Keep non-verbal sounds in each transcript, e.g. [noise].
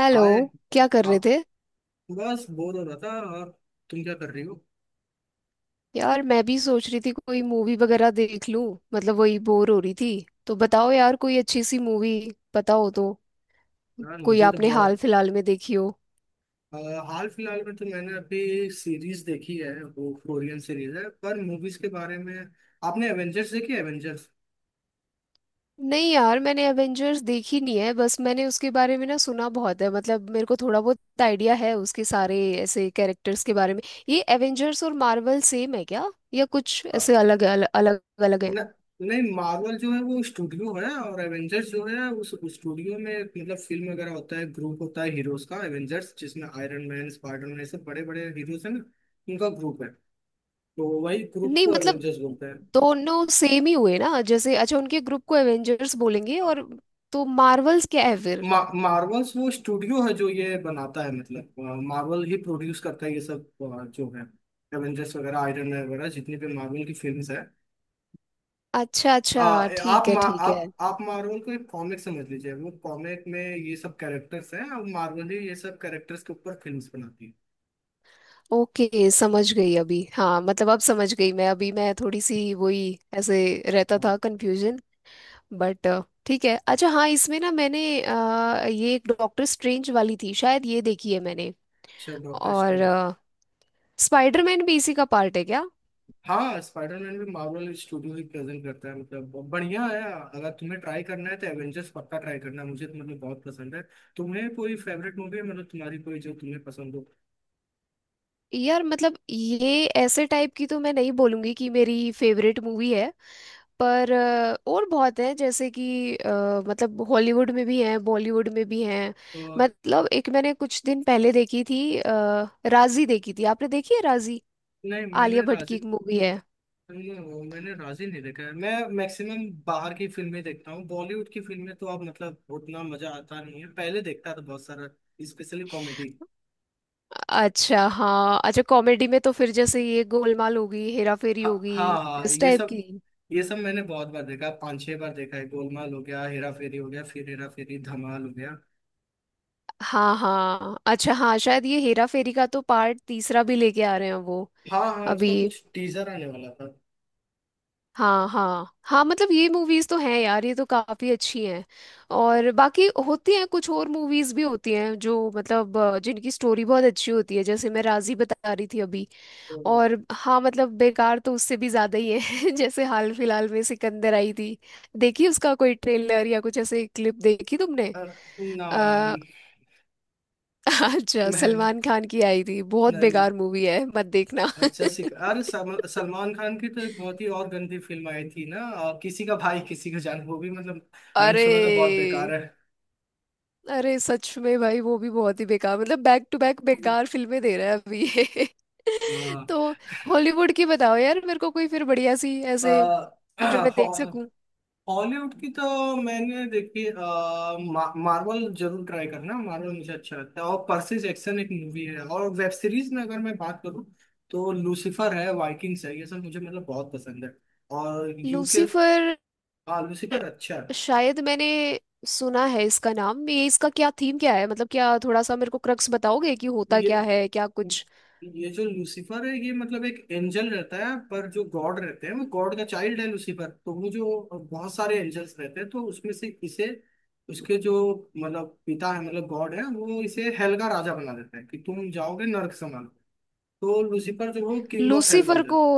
Hello. Hi. क्या कर रहे हाँ। थे। बस बोर हो रहा था। और तुम क्या कर रही हो। यार मैं भी सोच रही थी कोई मूवी वगैरह देख लूं। मतलब वही बोर हो रही थी। तो बताओ यार कोई अच्छी सी मूवी पता हो तो। यार कोई मुझे तो आपने हाल बहुत फिलहाल में देखी हो। अ, हाल फिलहाल में तो मैंने अभी सीरीज देखी है, वो कोरियन सीरीज है। पर मूवीज के बारे में आपने एवेंजर्स देखी है? एवेंजर्स। नहीं यार, मैंने एवेंजर्स देखी नहीं है। बस मैंने उसके बारे में ना सुना बहुत है, मतलब मेरे को थोड़ा बहुत आइडिया है उसके सारे ऐसे कैरेक्टर्स के बारे में। ये एवेंजर्स और मार्वल सेम है क्या, या कुछ ऐसे अलग अलग है। न, नहीं, मार्वल जो है वो स्टूडियो है, और एवेंजर्स जो है उस स्टूडियो में एक मतलब फिल्म वगैरह होता है, ग्रुप होता है हीरोज का एवेंजर्स, जिसमें आयरन मैन, स्पाइडर मैन ऐसे बड़े बड़े हीरोज हैं ना, उनका ग्रुप है। तो वही ग्रुप नहीं को मतलब एवेंजर्स बोलते दोनों सेम ही हुए ना, जैसे अच्छा उनके ग्रुप को एवेंजर्स बोलेंगे, हैं। और तो मार्वल्स क्या है फिर। मार्वल्स वो स्टूडियो है जो ये बनाता है, मतलब मार्वल ही प्रोड्यूस करता है ये सब जो है, एवेंजर्स वगैरह, आयरन मैन वगैरह, जितनी भी मार्वल की फिल्म्स है। अच्छा आ, अच्छा, आप ठीक है ठीक है। आप मार्वल को एक कॉमिक समझ लीजिए, वो कॉमिक में ये सब कैरेक्टर्स हैं और मार्वल ही ये सब कैरेक्टर्स के ऊपर फिल्म्स बनाती ओके, समझ गई अभी। हाँ मतलब अब समझ गई मैं, अभी मैं थोड़ी सी वही ऐसे रहता है। था कंफ्यूजन। बट ठीक है। अच्छा हाँ, इसमें ना मैंने ये एक डॉक्टर स्ट्रेंज वाली थी, शायद ये देखी है मैंने। अच्छा डॉक्टर और स्ट्रेंज। स्पाइडरमैन भी इसी का पार्ट है क्या। हाँ स्पाइडरमैन भी मार्वल स्टूडियो ही प्रेजेंट करता है, मतलब बढ़िया है। अगर तुम्हें ट्राई करना है तो एवेंजर्स पक्का ट्राई करना, मुझे तो मतलब बहुत पसंद है। तुम्हें कोई फेवरेट मूवी है, मतलब तुम्हारी कोई जो तुम्हें पसंद हो। यार मतलब ये ऐसे टाइप की तो मैं नहीं बोलूंगी कि मेरी फेवरेट मूवी है। पर और बहुत है, जैसे कि मतलब हॉलीवुड में भी हैं, बॉलीवुड में भी हैं। अ, मतलब एक मैंने कुछ दिन पहले देखी थी राजी। देखी थी आपने, देखी है राजी? नहीं, आलिया भट्ट की एक मूवी है। नहीं, मैंने राजी नहीं देखा है। मैं मैक्सिमम बाहर की फिल्में देखता हूँ, बॉलीवुड की फिल्में तो अब मतलब उतना मजा आता नहीं है, पहले देखता था बहुत सारा, स्पेशली कॉमेडी। अच्छा हाँ, अच्छा कॉमेडी में तो फिर जैसे ये गोलमाल होगी, हेरा फेरी हाँ होगी, हाँ हाँ, इस ये टाइप सब। की। ये सब मैंने बहुत बार देखा, पांच छह बार देखा है। गोलमाल हो गया, हेरा फेरी हो गया, फिर हेरा फेरी धमाल हो गया। हाँ हाँ, अच्छा हाँ, शायद ये हेरा फेरी का तो पार्ट तीसरा भी लेके आ रहे हैं वो हाँ हाँ उसका अभी। कुछ टीजर आने वाला था। हाँ हाँ हाँ, मतलब ये मूवीज तो हैं यार, ये तो काफी अच्छी हैं। और बाकी होती हैं, कुछ और मूवीज भी होती हैं जो मतलब जिनकी स्टोरी बहुत अच्छी होती है, जैसे मैं राजी बता रही थी अभी। तो और हाँ मतलब बेकार तो उससे भी ज्यादा ही है। [laughs] जैसे हाल फिलहाल में सिकंदर आई थी। देखी उसका कोई ट्रेलर या कुछ ऐसे क्लिप देखी तुमने? अर- आ, नाम [laughs] अच्छा, मैंने सलमान खान की आई थी, बहुत नहीं। बेकार मूवी है, मत देखना। अच्छा, सिख अरे, सलमान खान की तो एक बहुत ही और गंदी फिल्म आई थी ना, और किसी का भाई किसी का जान, वो भी मतलब [laughs] मैंने अरे, सुना था बहुत बेकार है। अरे सच में भाई, वो भी बहुत ही बेकार। मतलब बैक टू बैक बेकार फिल्में दे रहा है अभी ये। [laughs] हाँ। तो हॉलीवुड की बताओ यार मेरे को कोई फिर बढ़िया सी ऐसे आ, जो मैं [clears throat] देख सकूं। हॉलीवुड की तो मैंने देखी मार्वल जरूर ट्राई करना। मार्वल मुझे अच्छा लगता है, और पर्सी जैक्सन एक मूवी है। और वेब सीरीज में अगर मैं बात करूँ तो लूसीफर है, वाइकिंग्स है, ये सब मुझे मतलब बहुत पसंद है। और यूके। लूसीफर? लूसीफर अच्छा है। शायद मैंने सुना है इसका नाम। ये इसका क्या थीम क्या है, मतलब क्या, थोड़ा सा मेरे को क्रक्स बताओगे कि होता ये क्या है, क्या कुछ? ये जो लूसीफर है ये मतलब एक एंजल रहता है, पर जो गॉड रहते हैं वो गॉड का चाइल्ड है लूसीफर। तो वो जो बहुत सारे एंजल्स रहते हैं तो उसमें से इसे, उसके जो मतलब पिता है, मतलब गॉड है, वो इसे हेल का राजा बना देता है कि तुम जाओगे नर्क समान। तो लूसीफर जो है, वो किंग ऑफ हेल बन लूसीफर जाता को है।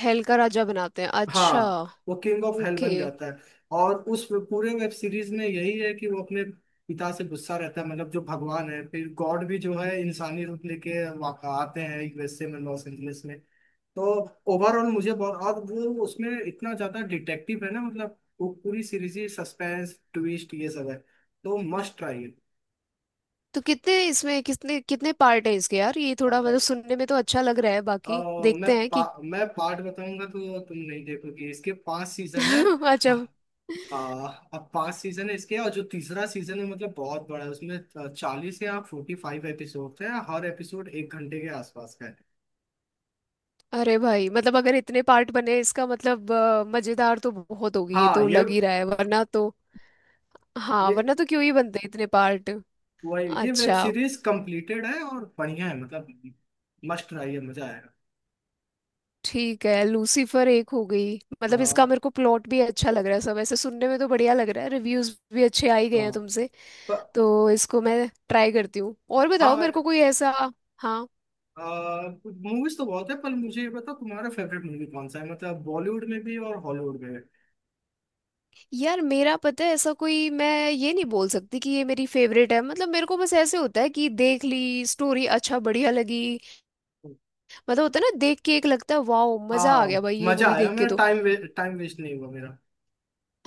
हेल का राजा बनाते हैं, अच्छा। हाँ। वो किंग ऑफ हेल ओके। बन जाता है। और उस पूरे वेब सीरीज में यही है कि वो अपने पिता से गुस्सा रहता है, मतलब जो भगवान है। फिर गॉड भी जो है इंसानी रूप लेके आते हैं यूएसए में, लॉस एंजलिस में। तो ओवरऑल मुझे बहुत, और वो उसमें इतना ज्यादा डिटेक्टिव है ना, मतलब वो पूरी सीरीज ही सस्पेंस ट्विस्ट ये सब है। तो मस्ट ट्राई है। तो कितने इसमें कितने कितने पार्ट हैं इसके यार, ये थोड़ा अ- मतलब सुनने में तो अच्छा लग रहा है, अ, बाकी देखते हैं कि। मैं पार्ट बताऊंगा तो तुम नहीं देखोगे, इसके पांच सीजन है। [laughs] अच्छा। आ, अब पांच सीजन है इसके, और जो तीसरा सीजन है मतलब बहुत बड़ा है, उसमें 40 या 45 एपिसोड है, हर एपिसोड एक घंटे के आसपास का है। अरे भाई, मतलब अगर इतने पार्ट बने, इसका मतलब मजेदार तो बहुत होगी ये, हाँ। तो लग ही रहा है, वरना तो। हाँ, ये वरना तो क्यों ही बनते इतने पार्ट। ये वेब अच्छा सीरीज कंप्लीटेड है और बढ़िया है, मतलब मस्ट ट्राई है, मजा आएगा। ठीक है, लूसीफर एक हो गई। आ, मतलब इसका मेरे को प्लॉट भी अच्छा लग रहा है, सब ऐसे सुनने में तो बढ़िया लग रहा है, रिव्यूज भी अच्छे आ ही आ, गए हैं तुमसे। प- तो इसको मैं ट्राई करती हूँ, और बताओ मेरे को हाँ कोई ऐसा। हाँ। मूवीज तो बहुत है, पर मुझे ये बताओ, तुम्हारा फेवरेट मूवी कौन सा है, मतलब बॉलीवुड में भी और हॉलीवुड में भी। यार मेरा, पता है, ऐसा कोई मैं ये नहीं बोल सकती कि ये मेरी फेवरेट है। मतलब मेरे को बस ऐसे होता है कि देख ली स्टोरी अच्छा बढ़िया लगी। मतलब होता है ना देख के, एक लगता है वाओ मजा आ हाँ गया भाई ये मजा मूवी आया, देख के मेरा तो। टाइम वेस्ट नहीं हुआ मेरा।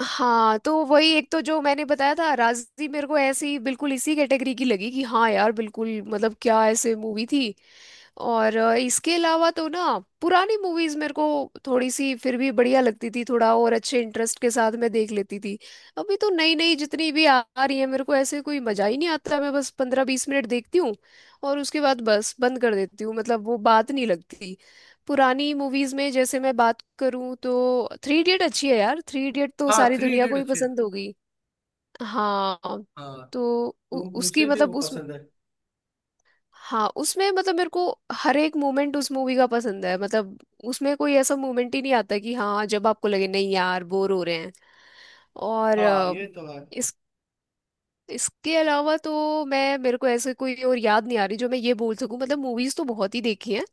हाँ, तो वही एक तो जो मैंने बताया था राजी, मेरे को ऐसे ही बिल्कुल इसी कैटेगरी की लगी, कि हाँ यार बिल्कुल मतलब क्या ऐसे मूवी थी। और इसके अलावा तो ना, पुरानी मूवीज मेरे को थोड़ी सी फिर भी बढ़िया लगती थी, थोड़ा और अच्छे इंटरेस्ट के साथ मैं देख लेती थी। अभी तो नई नई जितनी भी आ आ रही है, मेरे को ऐसे कोई मजा ही नहीं आता। मैं बस पंद्रह बीस मिनट देखती हूँ और उसके बाद बस बंद कर देती हूँ, मतलब वो बात नहीं लगती। पुरानी मूवीज में जैसे मैं बात करूं तो थ्री इडियट अच्छी है यार, थ्री इडियट तो हाँ सारी थ्री दुनिया को इडियट ही अच्छे हैं। पसंद होगी। हाँ। हाँ तो तो उसकी मुझे भी वो मतलब उस, पसंद है। हाँ उसमें मतलब मेरे को हर एक मोमेंट उस मूवी का पसंद है। मतलब उसमें कोई ऐसा मोमेंट ही नहीं आता कि हाँ, जब आपको लगे नहीं यार बोर हो रहे हैं। और हाँ ये तो है। अ, इसके अलावा तो मैं, मेरे को ऐसे कोई और याद नहीं आ रही जो मैं ये बोल सकूं, मतलब मूवीज तो बहुत ही देखी हैं,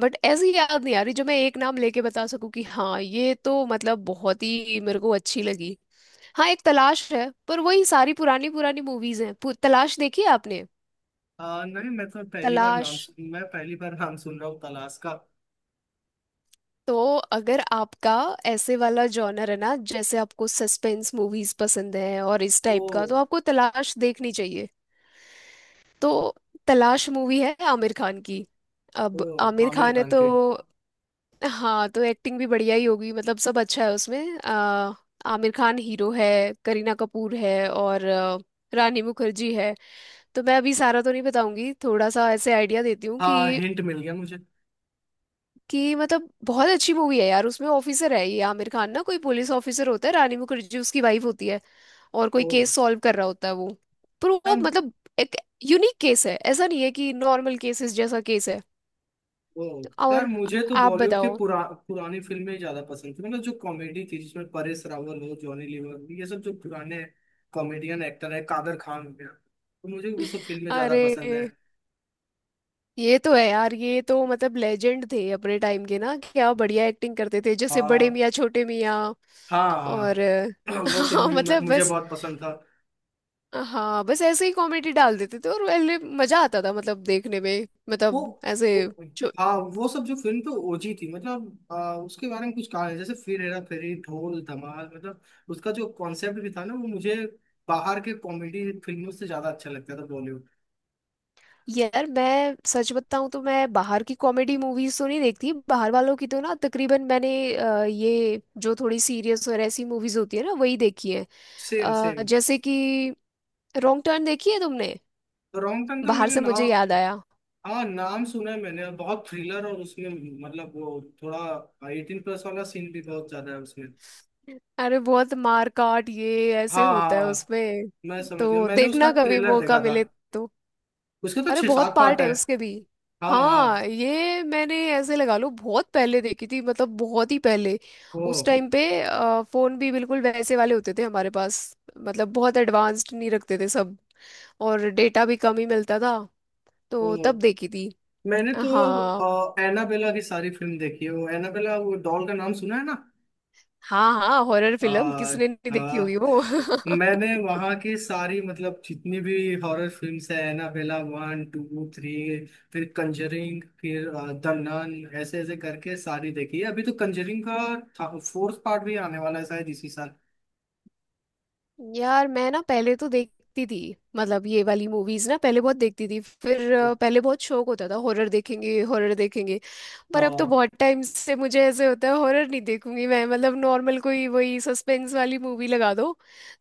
बट ऐसी याद नहीं आ रही जो मैं एक नाम लेके बता सकूं कि हाँ ये तो मतलब बहुत ही मेरे को अच्छी लगी। हाँ एक तलाश है, पर वही सारी पुरानी पुरानी मूवीज हैं। तलाश देखी है आपने? नहीं मैं तो पहली बार तलाश। मैं पहली बार नाम सुन रहा हूँ तलाश का। तो अगर आपका ऐसे वाला जॉनर है ना, जैसे आपको सस्पेंस मूवीज पसंद है और इस ओ। टाइप का, तो आपको तलाश देखनी चाहिए। तो तलाश मूवी है आमिर खान की। ओ अब आमिर आमिर खान है खान तो, के। हाँ तो एक्टिंग भी बढ़िया ही होगी, मतलब सब अच्छा है उसमें। आमिर खान हीरो है, करीना कपूर है और रानी मुखर्जी है। तो मैं अभी सारा तो नहीं बताऊंगी, थोड़ा सा ऐसे आइडिया देती हूँ हाँ कि हिंट मिल गया मुझे। कि मतलब बहुत अच्छी मूवी है यार। उसमें ऑफिसर है ये आमिर खान ना, कोई पुलिस ऑफिसर होता है, रानी मुखर्जी उसकी वाइफ होती है। और कोई ओ केस सॉल्व कर रहा होता है वो, पर वो यार। मतलब एक यूनिक केस है, ऐसा नहीं है कि नॉर्मल केसेस जैसा केस है। ओ यार और मुझे तो आप बॉलीवुड के बताओ। पुरानी फिल्में ज्यादा पसंद थी, मतलब जो कॉमेडी थी जिसमें परेश रावल हो, जॉनी लीवर हो, ये सब जो पुराने कॉमेडियन एक्टर है, कादर खान हो गया, तो मुझे वो सब फिल्में ज्यादा अरे पसंद है। ये तो है यार, ये तो मतलब लेजेंड थे अपने टाइम के ना, क्या बढ़िया एक्टिंग करते थे, जैसे बड़े हाँ मियाँ छोटे मियाँ। हाँ और हाँ [laughs] [clears throat] वो फिल्म हाँ भी मतलब मुझे बस, बहुत पसंद था। हाँ बस ऐसे ही कॉमेडी डाल देते थे और पहले मजा आता था, मतलब देखने में, वो मतलब ऐसे वो जो। हाँ वो सब जो फिल्म तो ओजी थी, मतलब उसके बारे में कुछ कहा नहीं, जैसे फिर हेरा फेरी, ढोल धमाल, मतलब उसका जो कॉन्सेप्ट भी था ना, वो मुझे बाहर के कॉमेडी फिल्मों से ज्यादा अच्छा लगता था बॉलीवुड। यार मैं सच बताऊं तो मैं बाहर की कॉमेडी मूवीज तो नहीं देखती, बाहर वालों की तो ना तकरीबन, मैंने ये जो थोड़ी सीरियस और ऐसी मूवीज होती है ना, वही देखी है। Same same. जैसे कि रॉन्ग टर्न देखी है तुमने? तो रॉन्ग टर्न का बाहर मैंने से मुझे याद नाम आया। हाँ नाम सुना है मैंने, बहुत थ्रिलर और उसमें मतलब वो थोड़ा 18+ वाला सीन भी बहुत ज्यादा है उसमें। अरे बहुत मार काट ये ऐसे हाँ हाँ होता है हाँ, उसमें। मैं समझ गया, तो मैंने उसका देखना कभी ट्रेलर मौका देखा था। मिले तो। उसके तो अरे छह बहुत सात पार्ट पार्ट है है। उसके भी। हाँ हाँ हाँ। ये मैंने ऐसे लगा लो बहुत पहले देखी थी, मतलब बहुत ही पहले। ओ। उस टाइम पे फोन भी बिल्कुल वैसे वाले होते थे हमारे पास, मतलब बहुत एडवांस्ड नहीं रखते थे सब, और डेटा भी कम ही मिलता था। ओ तो तब देखी थी। मैंने तो हाँ एनाबेला की सारी फिल्म देखी है, वो एनाबेला, वो डॉल का नाम सुना है ना। हाँ हाँ, हॉरर आ, फिल्म किसने नहीं देखी आ, होगी वो। [laughs] मैंने वहाँ की सारी, मतलब जितनी भी हॉरर फिल्म्स है, एनाबेला वन टू थ्री, फिर कंजरिंग, फिर द नन, ऐसे ऐसे करके सारी देखी है। अभी तो कंजरिंग का फोर्थ पार्ट भी आने वाला है शायद इसी साल। यार मैं ना पहले तो देखती थी, मतलब ये वाली मूवीज ना पहले बहुत देखती थी, फिर पहले बहुत शौक होता था हॉरर देखेंगे हॉरर देखेंगे। पर अब तो हाँ बहुत टाइम से मुझे ऐसे होता है हॉरर नहीं देखूंगी मैं, मतलब नॉर्मल कोई वही सस्पेंस वाली मूवी लगा दो,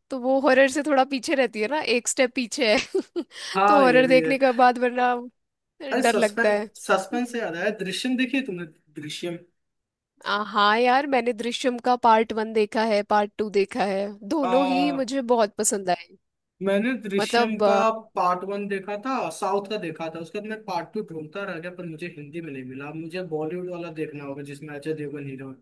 तो वो हॉरर से थोड़ा पीछे रहती है ना, एक स्टेप पीछे है। [laughs] तो हाँ ये हॉरर भी है। देखने के बाद वरना अरे डर लगता है। सस्पेंस, सस्पेंस से याद आया, दृश्यम देखिए तुमने। दृश्यम। हाँ यार, मैंने दृश्यम का पार्ट वन देखा है, पार्ट टू देखा है, दोनों ही मुझे बहुत पसंद आए। मैंने दृश्यम मतलब का पार्ट वन देखा था, साउथ का देखा था। उसके बाद मैं पार्ट टू ढूंढता रह गया पर मुझे हिंदी में नहीं मिला, मुझे बॉलीवुड वाला देखना होगा जिसमें अजय देवगन हीरो है।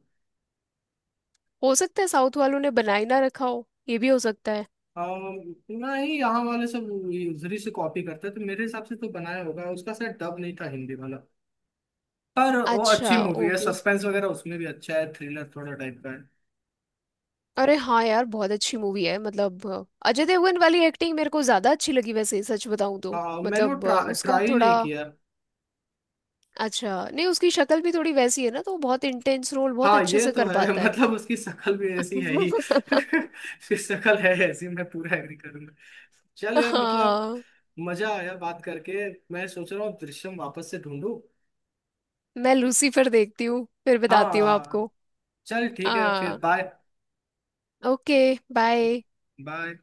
हो सकता है साउथ वालों ने बनाई ना रखा हो, ये भी हो सकता है। नहीं यहाँ वाले सब उधरी से कॉपी करते हैं तो मेरे हिसाब से तो बनाया होगा, उसका शायद डब नहीं था हिंदी वाला। पर वो अच्छा अच्छी मूवी है, ओके। सस्पेंस वगैरह उसमें भी अच्छा है, थ्रिलर थोड़ा टाइप का है। अरे हाँ यार, बहुत अच्छी मूवी है, मतलब अजय देवगन वाली एक्टिंग मेरे को ज्यादा अच्छी लगी वैसे, सच बताऊं तो। मैंने वो मतलब उसका ट्राई थोड़ा, नहीं किया। अच्छा नहीं उसकी शक्ल भी थोड़ी वैसी है ना, तो वो बहुत इंटेंस रोल बहुत हाँ अच्छे ये से तो कर है। [laughs] पाता है। मतलब उसकी शक्ल भी ऐसी है ही। [laughs] [laughs] उसकी शक्ल है ऐसी, मैं पूरा एग्री करूंगा। चल यार मतलब हाँ। मजा आया बात करके। मैं सोच रहा हूँ दृश्यम वापस से ढूंढूं। मैं लूसीफर देखती हूँ फिर बताती हूँ हाँ आपको। चल ठीक है फिर हाँ। बाय। ओके। बाय। बाय।